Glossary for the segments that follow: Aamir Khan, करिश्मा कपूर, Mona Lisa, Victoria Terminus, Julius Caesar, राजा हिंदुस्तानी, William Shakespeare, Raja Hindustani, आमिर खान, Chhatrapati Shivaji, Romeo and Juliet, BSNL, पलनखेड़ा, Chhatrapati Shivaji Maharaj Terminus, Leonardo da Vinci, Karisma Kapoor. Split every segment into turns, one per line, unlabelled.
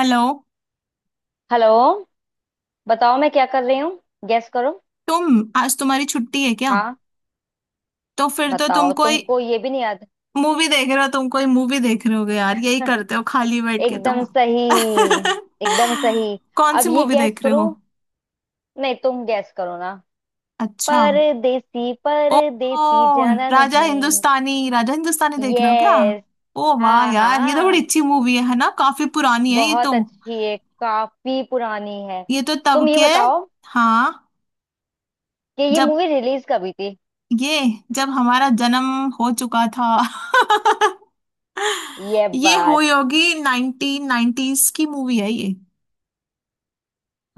Hello.
Hello. बताओ मैं क्या कर रही हूँ। गेस करो।
तुम आज तुम्हारी छुट्टी है क्या?
हाँ।
तो फिर तो
बताओ तुमको ये भी नहीं याद।
तुम कोई मूवी देख रहे होगे यार, यही करते हो खाली बैठ के
एकदम
तुम।
सही। एकदम सही।
कौन
अब
सी
ये
मूवी
गेस
देख रहे
करो।
हो?
नहीं तुम गेस करो ना।
अच्छा।
परदेसी
ओ,
परदेसी
ओ
जाना
राजा
नहीं।
हिंदुस्तानी, राजा हिंदुस्तानी देख रहे हो क्या?
यस।
ओ वाह
हाँ
यार, ये तो बड़ी
हाँ,
अच्छी मूवी है ना। काफी पुरानी है ये तो।
बहुत अच्छी है, काफी पुरानी है।
ये तो
तुम
तब
ये
के,
बताओ
हाँ,
कि ये
जब
मूवी रिलीज कब हुई थी।
ये जब हमारा जन्म हो चुका था।
ये
ये
बात।
हुई होगी, नाइनटीन नाइनटीज की मूवी है ये,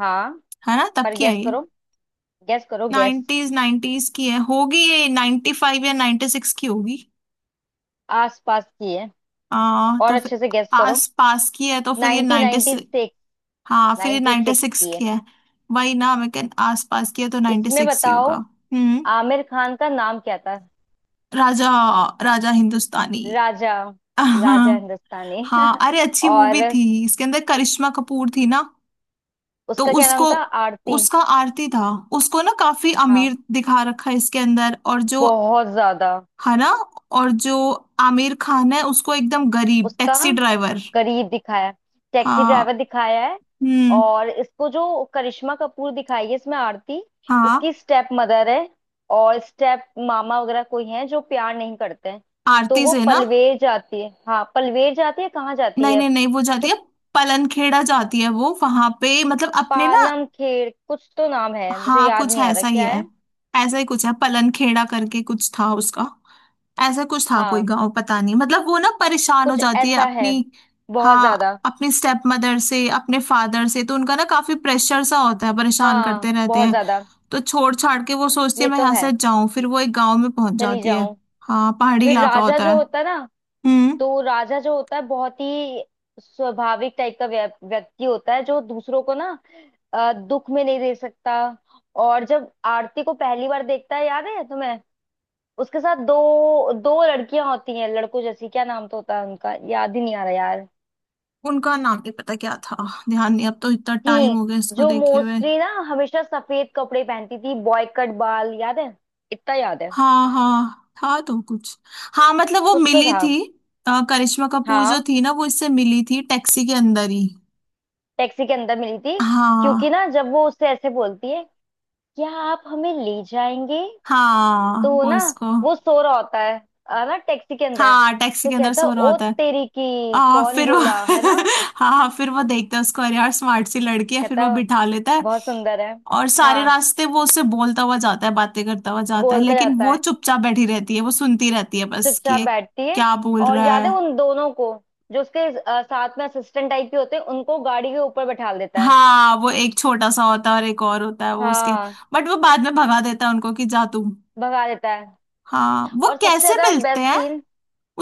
हाँ,
है ना, तब
पर
की है
गेस
ये।
करो। गेस करो गेस।
नाइनटीज नाइनटीज की है होगी ये, 95 या 96 की होगी।
आसपास की है और
तो फिर
अच्छे से गेस करो।
आस पास की है, तो फिर ये नाइन्टी,
1996।
हाँ फिर ये
96
96
की है।
की है। वही ना, मैं कह, आस पास की है तो नाइन्टी
इसमें
सिक्स ही
बताओ
होगा। हम्म।
आमिर खान का नाम क्या था।
राजा, राजा हिंदुस्तानी।
राजा। राजा हिंदुस्तानी।
हाँ, अरे अच्छी मूवी
और
थी, इसके अंदर करिश्मा कपूर थी ना। तो
उसका क्या नाम
उसको,
था। आरती।
उसका आरती था। उसको ना काफी
हाँ,
अमीर दिखा रखा है इसके अंदर, और जो,
बहुत ज्यादा।
है ना, और जो आमिर खान है उसको एकदम गरीब
उसका
टैक्सी ड्राइवर।
गरीब दिखाया, टैक्सी ड्राइवर
हाँ।
दिखाया है।
हम्म।
और इसको जो करिश्मा कपूर दिखाई है इसमें आरती,
हाँ,
इसकी स्टेप मदर है। और स्टेप मामा वगैरह कोई हैं जो प्यार नहीं करते हैं। तो
आरती
वो
से ना।
पलवेर जाती है। हाँ पलवेर जाती है। कहाँ जाती
नहीं
है
नहीं नहीं, वो जाती है,
कुछ।
पलनखेड़ा जाती है वो, वहां पे मतलब अपने ना।
पालम खेर कुछ तो नाम है, मुझे
हाँ,
याद
कुछ
नहीं आ रहा
ऐसा ही
क्या
है,
है।
ऐसा ही कुछ है पलनखेड़ा करके कुछ था उसका। ऐसा कुछ था, कोई
हाँ
गांव पता नहीं, मतलब वो ना परेशान हो
कुछ
जाती है
ऐसा है।
अपनी,
बहुत
हाँ
ज्यादा।
अपनी स्टेप मदर से, अपने फादर से, तो उनका ना काफी प्रेशर सा होता है, परेशान
हाँ
करते रहते
बहुत
हैं।
ज्यादा।
तो छोड़ छाड़ के वो सोचती
ये
है मैं
तो
यहाँ
है।
से जाऊं, फिर वो एक गांव में पहुंच
चली
जाती है।
जाऊं।
हाँ, पहाड़ी
फिर
इलाका
राजा
होता
जो
है।
होता है ना,
हम्म।
तो राजा जो होता है बहुत ही स्वाभाविक टाइप का व्यक्ति होता है जो दूसरों को ना दुख में नहीं दे सकता। और जब आरती को पहली बार देखता है, याद है तुम्हें? उसके साथ दो दो लड़कियां होती हैं लड़कों जैसी, क्या नाम तो होता है उनका याद ही नहीं आ रहा यार।
उनका नाम नहीं पता क्या था, ध्यान नहीं, अब तो इतना टाइम
थी
हो गया इसको
जो
देखे हुए।
मोस्टली ना हमेशा सफेद कपड़े पहनती थी, बॉय कट बाल। याद है? इतना याद है।
हाँ हाँ, था तो कुछ। हाँ मतलब वो
कुछ तो
मिली
था।
थी। करिश्मा कपूर जो
हाँ,
थी ना, वो इससे मिली थी टैक्सी के अंदर ही।
टैक्सी के अंदर मिली थी। क्योंकि
हाँ।
ना जब वो उससे ऐसे बोलती है, क्या आप हमें ले जाएंगे।
हाँ
तो
वो
ना
उसको,
वो सो रहा होता है ना टैक्सी के अंदर।
हाँ टैक्सी
तो
के अंदर
कहता है,
सो रहा
ओ
होता है।
तेरी की कौन
फिर वो
बोला है ना।
हाँ हाँ, फिर वो देखता है उसको, अरे यार स्मार्ट सी लड़की है, फिर वो
कहता,
बिठा लेता है।
बहुत सुंदर है।
और सारे
हाँ
रास्ते वो उससे बोलता हुआ जाता है, बातें करता हुआ जाता है,
बोलता
लेकिन
जाता
वो
है,
चुपचाप बैठी रहती है, वो सुनती रहती है, बस कि
चुपचाप
ये
बैठती है।
क्या बोल
और
रहा
याद
है।
है उन दोनों को जो उसके साथ में असिस्टेंट टाइप के होते हैं, उनको गाड़ी के ऊपर बैठा देता है।
हाँ वो एक छोटा सा होता है और एक और होता है, वो उसके,
हाँ
बट वो बाद में भगा देता है उनको, कि जा तू।
भगा देता है।
हाँ, वो
और सबसे
कैसे
ज्यादा
मिलते
बेस्ट
हैं,
सीन।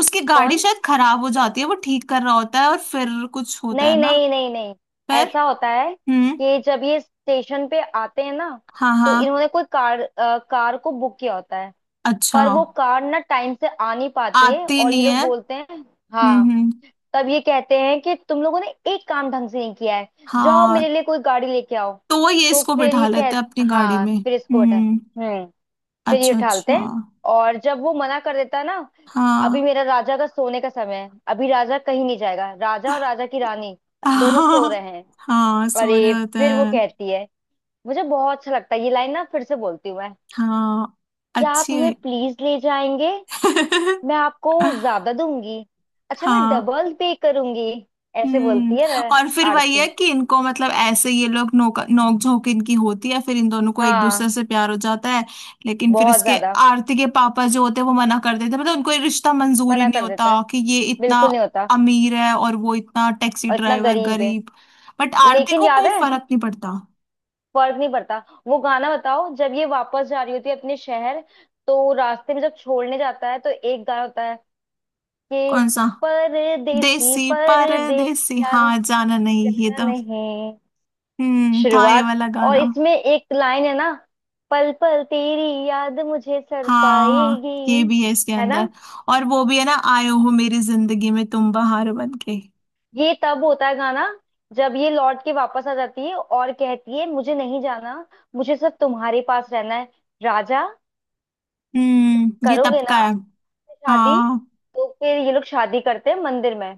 उसकी गाड़ी
कौन?
शायद खराब हो जाती है, वो ठीक कर रहा होता है, और फिर कुछ होता है
नहीं
ना।
नहीं नहीं नहीं।
फिर,
ऐसा होता है
हम्म।
कि जब ये स्टेशन पे आते हैं ना,
हाँ
तो
हाँ।
इन्होंने कोई कार कार को बुक किया होता है।
अच्छा।
पर वो कार ना टाइम से आ नहीं पाती है
आती
और ये
नहीं
लोग
है।
बोलते हैं। हाँ।
हम्म।
तब ये कहते हैं कि तुम लोगों ने एक काम ढंग से नहीं किया है। जाओ
हाँ,
मेरे लिए कोई गाड़ी लेके आओ।
तो ये
तो
इसको
फिर
बिठा
ये
लेते हैं
कह,
अपनी गाड़ी
हाँ
में।
फिर इसको उठा।
हम्म।
हम्म। फिर ये
अच्छा
उठालते
अच्छा।
हैं। और जब वो मना कर देता है ना,
हाँ।
अभी मेरा राजा का सोने का समय है, अभी राजा कहीं नहीं जाएगा। राजा और राजा की रानी दोनों सो
हाँ।
रहे हैं।
हाँ सो रहे
अरे
होते
फिर वो
हैं।
कहती है, मुझे बहुत अच्छा लगता है ये लाइन ना, फिर से बोलती हूँ मैं।
हाँ
क्या आप
अच्छी
हमें
है।
प्लीज ले जाएंगे। मैं आपको ज्यादा दूंगी। अच्छा मैं
हाँ।
डबल पे करूंगी। ऐसे
हम्म।
बोलती है ना
और फिर वही है
आरती।
कि इनको मतलब, ऐसे ये लोग नोक नोक झोंक इनकी होती है, फिर इन दोनों को एक
हाँ
दूसरे से प्यार हो जाता है। लेकिन फिर
बहुत
इसके,
ज्यादा।
आरती के पापा जो होते हैं वो मना कर देते हैं, मतलब उनको ये रिश्ता मंजूर ही
मना
नहीं
कर देता है।
होता कि ये इतना
बिल्कुल नहीं होता।
अमीर है और वो इतना टैक्सी
और इतना
ड्राइवर
गरीब है।
गरीब। बट आरती
लेकिन
को
याद
कोई
है,
फर्क नहीं पड़ता।
फर्क नहीं पड़ता। वो गाना बताओ जब ये वापस जा रही होती है अपने शहर, तो रास्ते में जब छोड़ने जाता है तो एक गाना होता है कि
कौन सा?
परदेसी
देसी
परदेसी
परदेसी,
जाना
हाँ जाना नहीं, ये
जाना
तो।
नहीं।
हम्म, था ये
शुरुआत।
वाला
और
गाना।
इसमें एक लाइन है ना, पल पल तेरी याद मुझे सर
हाँ हाँ,
पाएगी।
ये भी है इसके
है ना?
अंदर। और वो भी है ना, आयो हो मेरी जिंदगी में तुम बहार बन के।
ये तब होता है गाना जब ये लौट के वापस आ जाती है और कहती है, मुझे नहीं जाना, मुझे सिर्फ तुम्हारे पास रहना है राजा।
हम्म, ये तब
करोगे ना
का है।
शादी?
हाँ।
तो फिर ये लोग शादी करते हैं मंदिर में।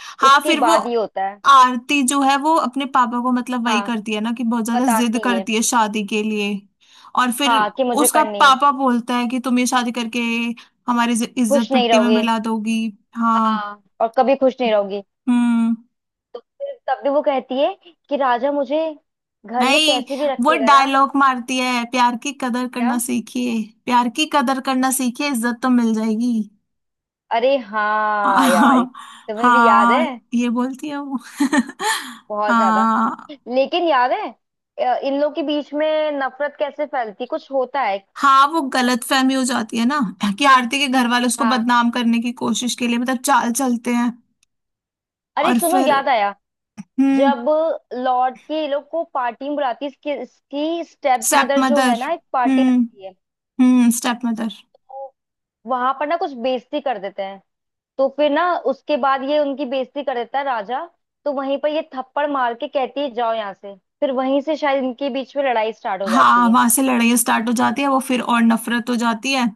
हाँ
उसके
फिर वो,
बाद ये होता है।
आरती जो है वो अपने पापा को, मतलब वही
हाँ
करती है ना कि बहुत ज्यादा जिद
बताती है।
करती है शादी के लिए। और फिर
हाँ कि मुझे
उसका
करनी है।
पापा बोलता है कि तुम ये शादी करके हमारी इज्जत,
खुश
इज्जत
नहीं
मिट्टी में
रहोगे।
मिला दोगी। हाँ।
हाँ और कभी खुश नहीं रहोगी।
हम्म।
तो फिर तब भी वो कहती है कि राजा मुझे घर में
नहीं,
कैसे भी
वो
रखेगा ना।
डायलॉग मारती है, प्यार की कदर करना
क्या?
सीखिए, प्यार की कदर करना सीखिए, इज्जत तो मिल जाएगी।
अरे हाँ यार,
हाँ
तुम्हें भी याद
हाँ,
है।
ये बोलती है वो।
बहुत ज्यादा।
हाँ।
लेकिन याद है इन लोग के बीच में नफरत कैसे फैलती कुछ होता है।
हाँ वो गलत फहमी हो जाती है ना, कि आरती के घर वाले उसको
हाँ।
बदनाम करने की कोशिश के लिए मतलब चाल चलते हैं।
अरे
और
सुनो
फिर,
याद आया,
हम्म।
जब लॉर्ड की ये लोग को पार्टी में बुलाती है, इसकी स्टेप
स्टेप
मदर जो
मदर।
है ना, एक पार्टी
हम्म
रखती है।
हम्म, स्टेप मदर।
तो वहां पर ना कुछ बेइज्जती कर देते हैं। तो फिर ना उसके बाद ये उनकी बेइज्जती कर देता है राजा। तो वहीं पर ये थप्पड़ मार के कहती है जाओ यहाँ से, फिर वहीं से शायद इनके बीच में लड़ाई स्टार्ट हो जाती
हाँ,
है।
वहां से लड़ाई स्टार्ट हो जाती है, वो फिर और नफरत हो जाती है।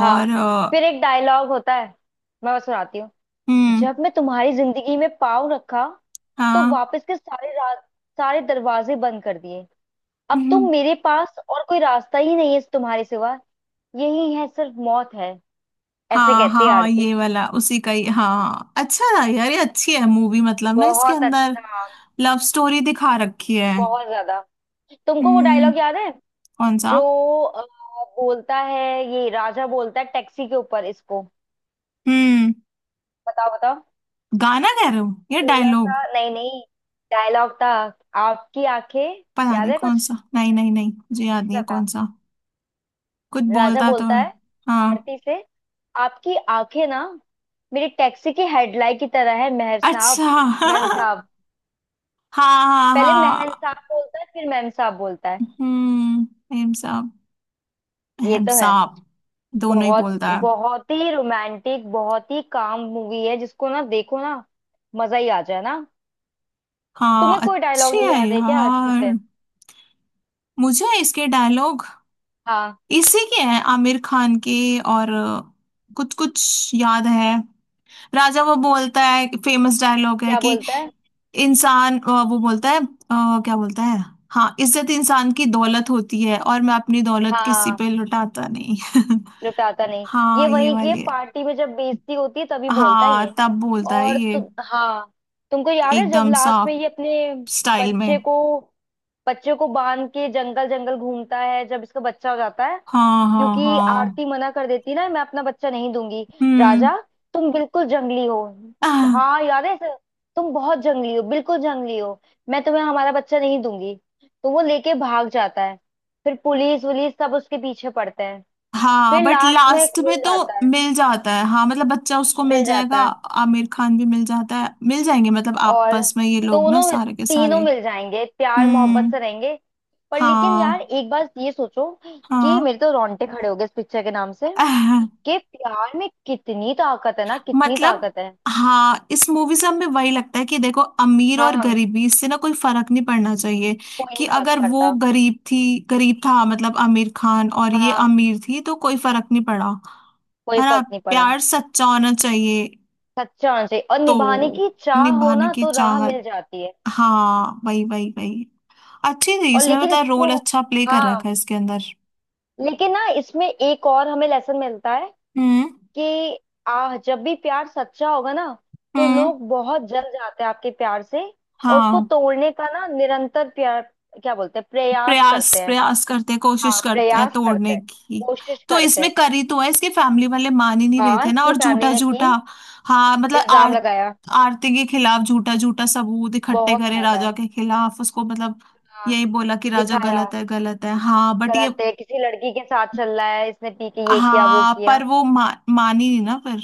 हाँ। फिर एक डायलॉग होता है, मैं बस सुनाती हूँ।
हम्म।
जब मैं तुम्हारी जिंदगी में पाँव रखा, तो
हाँ।
वापस के सारे दरवाजे बंद कर दिए। अब
हम्म।
तुम मेरे पास और कोई रास्ता ही नहीं है तुम्हारे सिवा। यही है, सिर्फ मौत है। ऐसे
हाँ
कहती है
हाँ,
आरती।
ये वाला उसी का ही, हाँ अच्छा था यार ये, अच्छी है मूवी, मतलब ना इसके
बहुत
अंदर
अच्छा।
लव स्टोरी दिखा रखी है।
बहुत ज्यादा। तुमको वो
हम्म।
डायलॉग याद है
कौन सा?
जो अ, बोलता है, ये राजा बोलता है टैक्सी के ऊपर इसको।
हम्म।
बताओ बताओ।
गाना कह रहे हो या
थोड़ा सा
डायलॉग?
नहीं नहीं, डायलॉग था। आपकी आंखें।
पता
याद
नहीं
है
कौन
कुछ
सा, नहीं नहीं नहीं, मुझे याद नहीं
ऐसा
है
था।
कौन सा, कुछ
राजा
बोलता तो
बोलता
है।
है
हाँ,
आरती से, आपकी आंखें ना मेरी टैक्सी की हेडलाइट की तरह है मेहर
अच्छा।
साहब। मैम
हाँ
साहब।
हाँ
पहले महन
हाँ।
साहब बोलता है, फिर मैम साहब बोलता है।
हम्म। हेमसाब,
ये तो है।
हेमसाब दोनों ही
बहुत,
बोलता है।
बहुत ही रोमांटिक, बहुत ही काम मूवी है, जिसको ना देखो ना मजा ही आ जाए ना।
हाँ,
तुम्हें कोई डायलॉग
अच्छी
नहीं
है
याद है क्या अच्छे से?
यार। मुझे इसके डायलॉग,
हाँ।
इसी के हैं आमिर खान के, और कुछ कुछ याद है। राजा वो बोलता है, फेमस डायलॉग है
क्या
कि,
बोलता है?
इंसान वो बोलता है, क्या बोलता है। हाँ, इज्जत इंसान की दौलत होती है, और मैं अपनी दौलत किसी
हाँ
पे लुटाता नहीं।
लुटाता नहीं। ये
हाँ ये
वही की है,
वाली है।
पार्टी में जब बेइज्जती होती है तभी बोलता है ये।
हाँ, तब बोलता है
और
ये,
हाँ, तुमको याद है जब
एकदम सा
लास्ट में ये अपने
स्टाइल में।
बच्चे को बच्चे को बांध के जंगल जंगल घूमता है जब इसका बच्चा हो जाता है।
हाँ हाँ
क्योंकि
हाँ।
आरती मना कर देती ना, मैं अपना बच्चा नहीं दूंगी
हम्म।
राजा, तुम बिल्कुल जंगली हो। हाँ याद है इसे? तुम बहुत जंगली हो, बिल्कुल जंगली हो। मैं तुम्हें हमारा बच्चा नहीं दूंगी। तो वो लेके भाग जाता है, फिर पुलिस वुलिस सब उसके पीछे पड़ते हैं।
हाँ
फिर
बट
लास्ट में
लास्ट में
खुल
तो
जाता है,
मिल जाता है। हाँ मतलब बच्चा उसको मिल
मिल
जाएगा,
जाता है।
आमिर खान भी मिल जाता है, मिल जाएंगे, मतलब
और
आपस में ये लोग ना
दोनों,
सारे के
तीनों
सारे।
मिल जाएंगे, प्यार मोहब्बत
हम्म।
से रहेंगे। पर लेकिन
हाँ
यार एक बार ये सोचो कि
हाँ।
मेरे तो रोंगटे खड़े हो गए इस पिक्चर के नाम से, कि प्यार में कितनी ताकत है ना, कितनी
मतलब,
ताकत है।
हाँ, इस मूवी से हमें वही लगता है कि देखो, अमीर और
हाँ
गरीबी, इससे ना कोई फर्क नहीं पड़ना चाहिए,
कोई
कि
नहीं फर्क
अगर वो
पड़ता।
गरीब थी, गरीब था मतलब आमिर खान, और ये
हाँ
अमीर थी, तो कोई फर्क नहीं पड़ा।
कोई
है ना,
फर्क नहीं पड़ा।
प्यार सच्चा होना चाहिए।
सच्चा होना चाहिए और निभाने
तो
की चाह हो
निभाने
ना
की
तो राह मिल
चाहत।
जाती है।
हाँ वही वही वही। अच्छी थी
और
इसमें,
लेकिन
मतलब रोल
इसको,
अच्छा प्ले कर रखा
हाँ,
है इसके अंदर।
लेकिन ना इसमें एक और हमें लेसन मिलता है,
हम्म।
कि आ जब भी प्यार सच्चा होगा ना, तो
हम्म।
लोग बहुत जल जाते हैं आपके प्यार से। और उसको
हाँ,
तोड़ने का ना निरंतर प्यार, क्या बोलते हैं, प्रयास
प्रयास
करते हैं।
प्रयास करते हैं, कोशिश
हाँ
करते हैं
प्रयास करते
तोड़ने
हैं,
की।
कोशिश
तो
करते
इसमें
हैं।
करी तो है, इसकी फैमिली वाले मान ही नहीं रहे
हाँ
थे ना।
इसकी
और
फैमिली
झूठा
ने की,
झूठा, हाँ मतलब
इल्जाम
आर
लगाया।
आरती के खिलाफ झूठा झूठा सबूत इकट्ठे
बहुत
करे,
ज्यादा।
राजा के खिलाफ, उसको मतलब
हाँ
यही बोला कि राजा
दिखाया,
गलत है, गलत है। हाँ बट ये,
गलत है, किसी लड़की के साथ चल रहा है, इसने पी के ये किया वो
हाँ
किया।
पर वो मान ही नहीं ना फिर।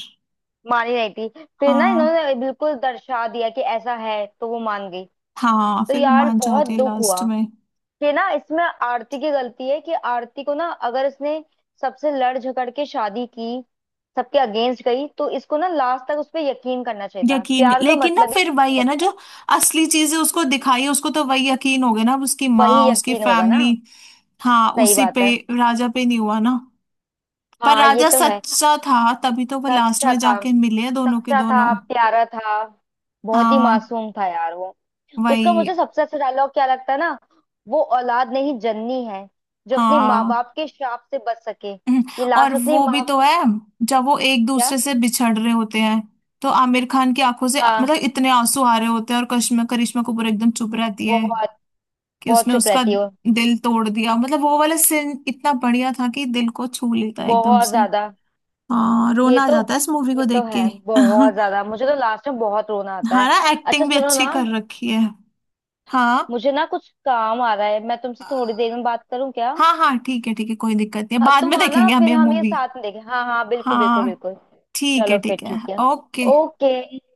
मानी नहीं थी। फिर ना
हाँ
इन्होंने बिल्कुल दर्शा दिया कि ऐसा है तो वो मान गई।
हाँ,
तो
फिर वो
यार
मान
बहुत
जाती है
दुख हुआ।
लास्ट में।
ये ना इसमें आरती की गलती है कि आरती को ना, अगर इसने सबसे लड़ झगड़ के शादी की, सबके अगेंस्ट गई, तो इसको ना लास्ट तक उस पर यकीन करना चाहिए था,
यकीन,
प्यार का
लेकिन ना
मतलब ही
फिर
यकीन
वही है ना,
होता
जो
है।
असली चीज है उसको दिखाई है उसको, तो वही यकीन हो गया ना, अब उसकी माँ,
वही
उसकी
यकीन होगा ना।
फैमिली। हाँ,
सही
उसी
बात
पे,
है।
राजा पे नहीं हुआ ना। पर
हाँ ये
राजा
तो है।
सच्चा था, तभी तो वो लास्ट
सच्चा
में
था।
जाके मिले हैं, दोनों के
सच्चा
दोनों।
था, प्यारा था, बहुत ही
हाँ
मासूम था यार वो।
वही।
उसका मुझे सबसे अच्छा डायलॉग क्या लगता है ना, वो औलाद नहीं जन्नी है जो अपने माँ
हाँ
बाप के श्राप से बच सके,
हम्म,
ये
और
लास्ट अपनी
वो भी
माँ
तो
को।
है, जब वो एक
क्या?
दूसरे से बिछड़ रहे होते हैं तो आमिर खान की आंखों से मतलब
हाँ।
इतने आंसू आ रहे होते हैं, और करिश्मा करिश्मा कपूर एकदम चुप रहती है,
बहुत,
कि
बहुत
उसने
चुप
उसका
रहती हो।
दिल तोड़ दिया, मतलब वो वाला सीन इतना बढ़िया था कि दिल को छू लेता है एकदम
बहुत
से।
ज्यादा।
हाँ,
ये
रोना आ
तो,
जाता है इस मूवी
ये
को
तो
देख के।
है बहुत ज्यादा, मुझे तो लास्ट में बहुत रोना आता
हाँ
है।
ना,
अच्छा
एक्टिंग भी
सुनो
अच्छी
ना,
कर रखी है। हाँ
मुझे ना कुछ काम आ रहा है, मैं तुमसे थोड़ी देर में बात करूं क्या?
हाँ हाँ, ठीक है ठीक है, कोई दिक्कत नहीं है,
हाँ,
बाद
तुम
में
आना
देखेंगे हम
फिर
ये
हम ये
मूवी।
साथ में देखें। हाँ हाँ बिल्कुल बिल्कुल
हाँ,
बिल्कुल।
ठीक है
चलो फिर
ठीक है।
ठीक है।
ओके।
ओके।